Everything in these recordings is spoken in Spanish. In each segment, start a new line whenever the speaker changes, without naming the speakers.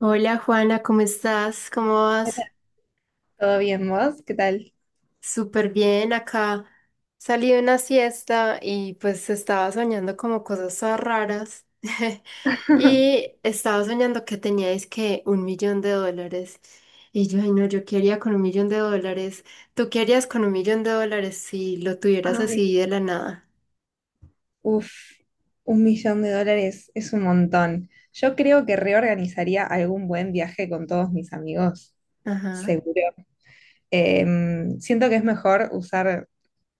Hola Juana, ¿cómo estás? ¿Cómo
Hola.
vas?
¿Todo bien vos? ¿Qué tal?
Súper bien acá. Salí de una siesta y pues estaba soñando como cosas todas raras. Y estaba soñando que teníais que un millón de dólares. Y yo, ay no, yo quería con un millón de dólares. ¿Tú qué harías con un millón de dólares si lo tuvieras así
Ay,
de la nada?
uf, 1 millón de dólares es un montón. Yo creo que reorganizaría algún buen viaje con todos mis amigos,
Ajá.
seguro. Siento que es mejor usar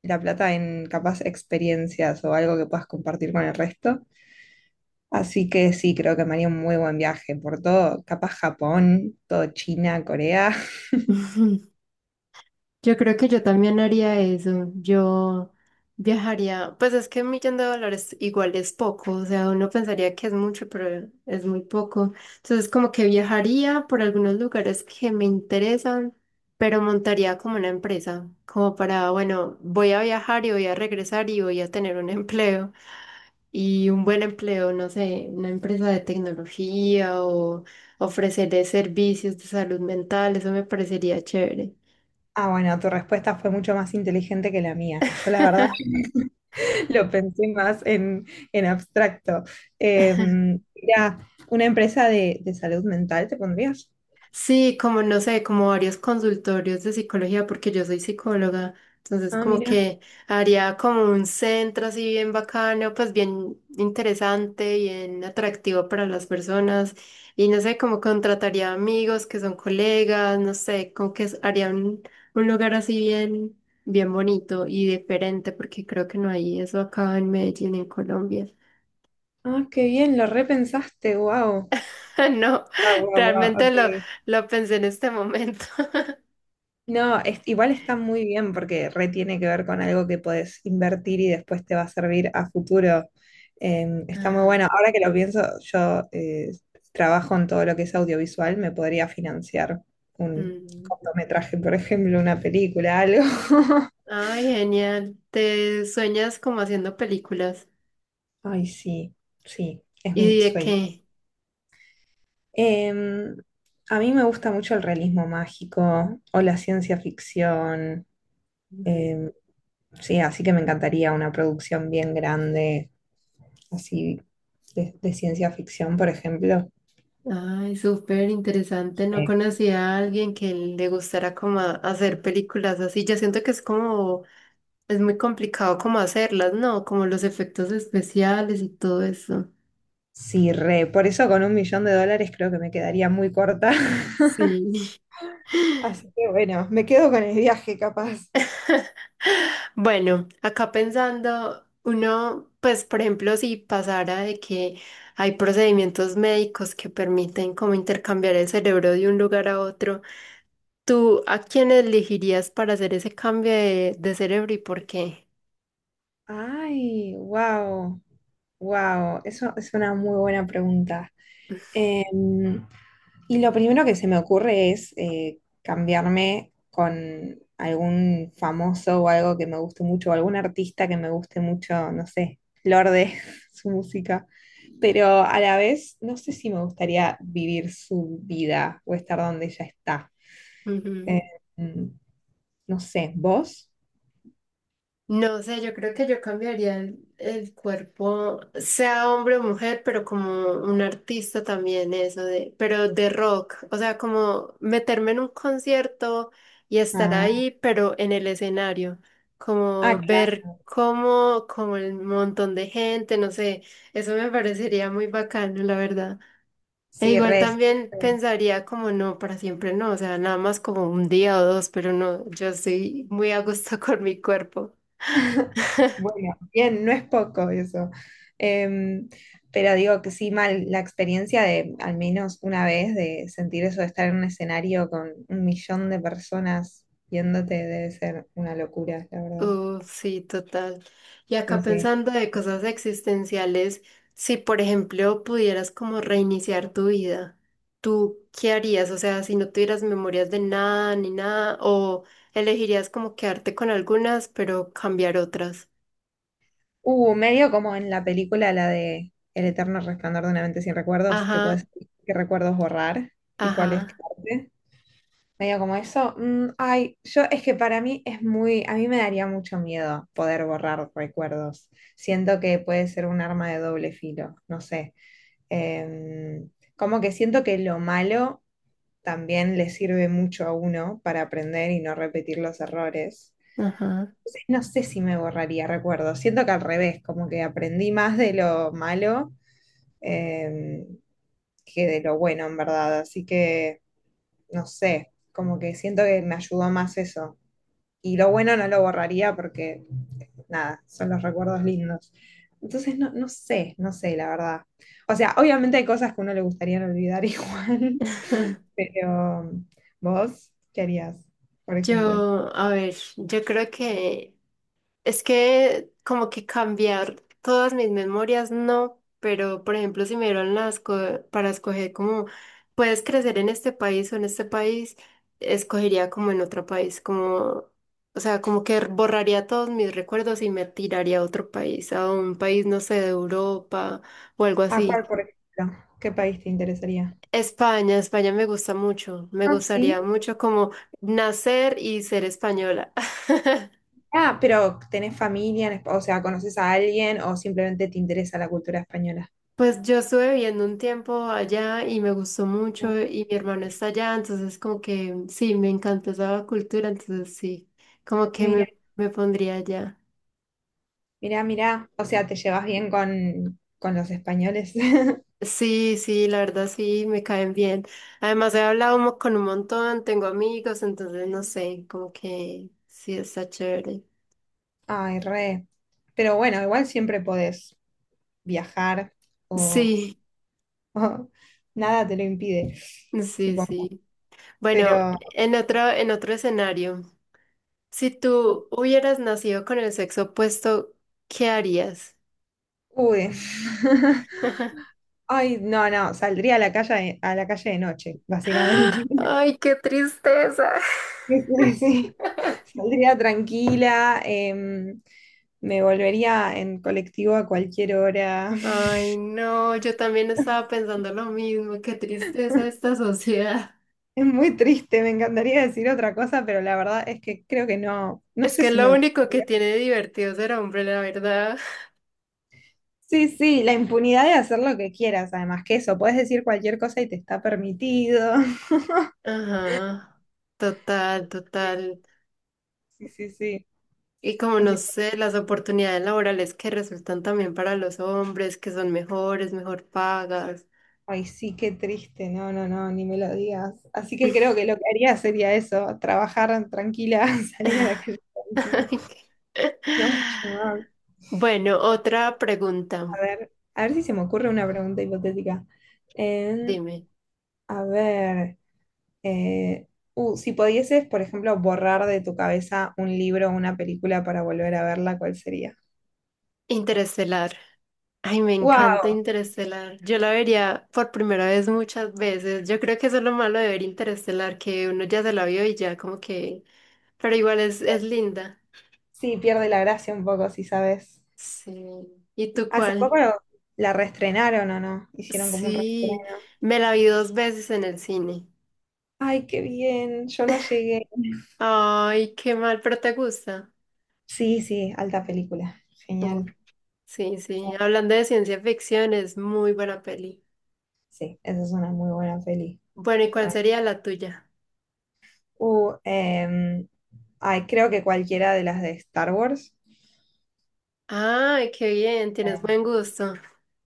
la plata en capaz experiencias o algo que puedas compartir con el resto. Así que sí, creo que me haría un muy buen viaje por todo, capaz Japón, todo China, Corea.
Yo creo que yo
Sí.
también haría eso. Yo viajaría, pues es que un millón de dólares igual es poco, o sea, uno pensaría que es mucho, pero es muy poco. Entonces, como que viajaría por algunos lugares que me interesan, pero montaría como una empresa, como para, bueno, voy a viajar y voy a regresar y voy a tener un empleo y un buen empleo, no sé, una empresa de tecnología o ofreceré servicios de salud mental, eso me parecería chévere.
Ah, bueno, tu respuesta fue mucho más inteligente que la mía. Yo, la verdad, lo pensé más en abstracto. Mira, una empresa de salud mental, ¿te pondrías?
Sí, como no sé, como varios consultorios de psicología, porque yo soy psicóloga, entonces
Ah,
como
mira.
que haría como un centro así bien bacano, pues bien interesante, bien atractivo para las personas y no sé, como contrataría amigos que son colegas, no sé, como que haría un lugar así bien, bien bonito y diferente, porque creo que no hay eso acá en Medellín, en Colombia.
Ah, qué bien, lo repensaste, wow.
No,
Wow, wow, wow,
realmente lo,
ok.
lo pensé en este momento.
No, igual está muy bien porque re tiene que ver con algo que podés invertir y después te va a servir a futuro. Está muy
Ajá.
bueno. Ahora que lo pienso, yo trabajo en todo lo que es audiovisual, me podría financiar un
Mm.
cortometraje, por ejemplo, una película, algo.
Ay, genial. Te sueñas como haciendo películas.
Ay, sí, sí, es
¿Y
mi
de
sueño.
qué?
Em, a mí me gusta mucho el realismo mágico o la ciencia ficción.
Ay,
em, sí, así que me encantaría una producción bien grande, así de ciencia ficción, por ejemplo.
ay, súper interesante. No
Eh,
conocía a alguien que le gustara como hacer películas así. Yo siento que es como, es muy complicado como hacerlas, ¿no? Como los efectos especiales y todo eso.
sí, re. Por eso con 1 millón de dólares creo que me quedaría muy corta.
Sí.
Así que bueno, me quedo con el viaje capaz.
Bueno, acá pensando, uno, pues por ejemplo, si pasara de que hay procedimientos médicos que permiten como intercambiar el cerebro de un lugar a otro, ¿tú a quién elegirías para hacer ese cambio de cerebro y por qué?
Ay, wow, wow, eso es una muy buena pregunta. Em, Y lo primero que se me ocurre es cambiarme con algún famoso o algo que me guste mucho, o algún artista que me guste mucho, no sé, Lorde, su música. Pero a la vez, no sé si me gustaría vivir su vida o estar donde ella está. Eh, mm, no sé, ¿vos?
No sé, yo creo que yo cambiaría el cuerpo, sea hombre o mujer, pero como un artista también, eso de, pero de rock, o sea, como meterme en un concierto y estar
Ah,
ahí, pero en el escenario,
ah,
como ver
claro,
cómo, como el montón de gente, no sé, eso me parecería muy bacano, la verdad. E
sí,
igual
res.
también pensaría como no, para siempre no, o sea, nada más como un día o dos, pero no, yo estoy muy a gusto con mi cuerpo.
Bueno, bien, no es poco eso. Em, pero digo que sí, mal, la experiencia de al menos una vez de sentir eso de estar en un escenario con 1 millón de personas viéndote debe ser una locura, la verdad.
Sí, total. Y acá
Sí, sí.
pensando de cosas existenciales, si por ejemplo pudieras como reiniciar tu vida, ¿tú qué harías? O sea, si no tuvieras memorias de nada ni nada, o elegirías como quedarte con algunas, pero cambiar otras.
Medio como en la película, la de El eterno resplandor de una mente sin recuerdos, que
Ajá,
puedes qué recuerdos borrar y cuáles
ajá,
quedarte. Medio como eso. Ay, yo es que para mí es muy, a mí me daría mucho miedo poder borrar recuerdos. Siento que puede ser un arma de doble filo, no sé. Em, Como que siento que lo malo también le sirve mucho a uno para aprender y no repetir los errores.
ajá.
No sé si me borraría recuerdos. Siento que al revés, como que aprendí más de lo malo em, que de lo bueno, en verdad. Así que, no sé, como que siento que me ayudó más eso. Y lo bueno no lo borraría porque, nada, son los recuerdos lindos. Entonces, no, no sé, no sé, la verdad. O sea, obviamente hay cosas que uno le gustaría no olvidar igual, pero vos, ¿qué harías, por ejemplo?
Yo, a ver, yo creo que es que como que cambiar todas mis memorias, no, pero por ejemplo, si me dieron para escoger como puedes crecer en este país o en este país, escogería como en otro país, como, o sea, como que borraría todos mis recuerdos y me tiraría a otro país, a un país, no sé, de Europa o algo
¿A
así.
cuál, por ejemplo? ¿Qué país te interesaría?
España, España me gusta mucho, me
Ah, sí.
gustaría mucho como nacer y ser española.
Ah, pero ¿tenés familia? O sea, ¿conoces a alguien o simplemente te interesa la cultura española?
Pues yo estuve viviendo un tiempo allá y me gustó
Mm.
mucho y mi hermano está allá, entonces como que sí, me encantó esa cultura, entonces sí, como que
Mira,
me pondría allá.
mira, mira. O sea, ¿te llevas bien con los españoles?
Sí, sí, la verdad sí, me caen bien. Además he hablado con un montón, tengo amigos, entonces no sé, como que sí, está chévere.
Ay, re. Pero bueno, igual siempre podés viajar o,
Sí,
o nada te lo impide,
sí,
supongo.
sí. Bueno,
Pero,
en otro escenario, si tú hubieras nacido con el sexo opuesto, ¿qué harías?
uy. Ay, no, no, saldría a la calle de noche, básicamente.
Ay, qué tristeza.
Sí, sí, sí. Saldría tranquila, me volvería en colectivo a cualquier hora.
Ay, no, yo también estaba pensando lo mismo, qué tristeza esta sociedad.
Es muy triste, me encantaría decir otra cosa, pero la verdad es que creo que no, no
Es
sé
que
si me
lo único que
gustaría.
tiene de divertido ser hombre, la verdad.
Sí, sí, la impunidad de hacer lo que quieras, además que eso, puedes decir cualquier cosa y te está permitido.
Ajá, total, total.
Sí, sí, sí.
Y como no
Así,
sé, las oportunidades laborales que resultan también para los hombres, que son mejores, mejor pagas.
ay, sí, qué triste, no, no, no, ni me lo digas. Así que creo que lo que haría sería eso, trabajar tranquila, salir a la calle tranquila.
Ay, qué-
No, mucho más.
Bueno, otra pregunta,
A ver si se me ocurre una pregunta hipotética. En-
dime.
a ver, eh, si pudieses, por ejemplo, borrar de tu cabeza un libro o una película para volver a verla, ¿cuál sería?
Interestelar. Ay, me
¡Wow!
encanta Interestelar. Yo la vería por primera vez muchas veces. Yo creo que eso es lo malo de ver Interestelar, que uno ya se la vio y ya como que... Pero igual es linda.
Sí, pierde la gracia un poco, si sabes.
Sí. ¿Y tú
Hace poco
cuál?
la reestrenaron o no, hicieron como un reestreno.
Sí, me la vi dos veces en el cine.
Ay, qué bien, yo no llegué.
Ay, qué mal, pero te gusta.
Sí, sí, alta película,
Uf,
genial.
sí, sí. Hablando de ciencia ficción, es muy buena peli.
Sí, esa es una muy buena peli.
Bueno, ¿y cuál
Re.
sería la tuya?
Uh, em, Ay, creo que cualquiera de las de Star Wars.
Ay, qué bien, tienes
Em.
buen gusto.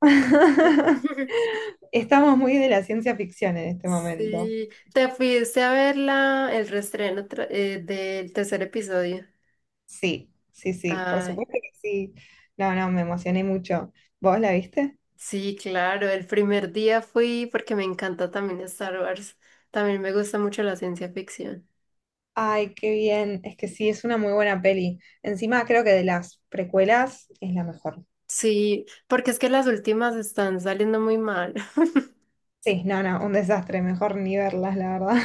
Estamos muy de la ciencia ficción en este momento.
Sí, te fuiste a ver el reestreno del tercer episodio.
Sí, sí, sí, por
Ay,
supuesto que sí. No, no, me emocioné mucho. ¿Vos la viste?
sí, claro, el primer día fui porque me encanta también Star Wars. También me gusta mucho la ciencia ficción.
Ay, qué bien. Es que sí, es una muy buena peli. Encima creo que de las precuelas es la mejor.
Sí, porque es que las últimas están saliendo muy mal.
Sí, no, no, un desastre. Mejor ni verlas, la verdad.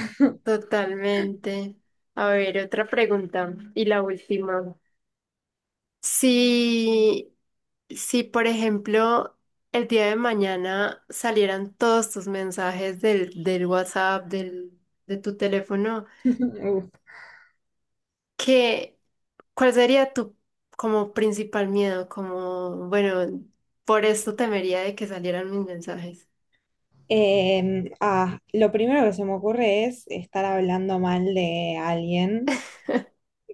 Totalmente. A ver, otra pregunta. Y la última. Si, si, Por ejemplo, el día de mañana salieran todos tus mensajes del WhatsApp, de tu teléfono,
Uf.
¿qué, ¿cuál sería tu como principal miedo? Como, bueno, por esto temería de que salieran mis mensajes.
Ah, lo primero que se me ocurre es estar hablando mal de alguien,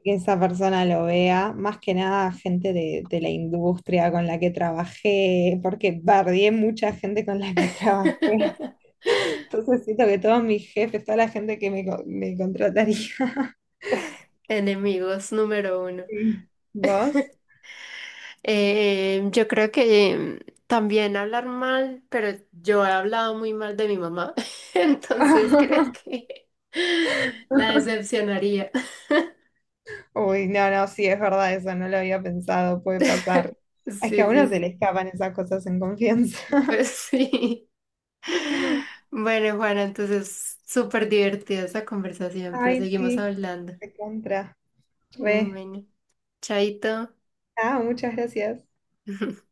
que esa persona lo vea, más que nada gente de, la industria con la que trabajé, porque bardié mucha gente con la que trabajé. Entonces siento que todos mis jefes, toda la gente que me, me contrataría.
Enemigos número uno.
Sí. ¿Vos?
Yo creo que también hablar mal, pero yo he hablado muy mal de mi mamá, entonces creo que la decepcionaría.
Uy, no, no, sí, es verdad eso, no lo había pensado, puede pasar. Es que a
Sí,
uno
sí,
se le
sí.
escapan esas cosas en confianza.
Pues sí. Bueno, Juana, entonces súper divertida esta conversación, pero
Ay,
seguimos
sí,
hablando.
de contra, re.
Bueno, chaito.
Ah, muchas gracias.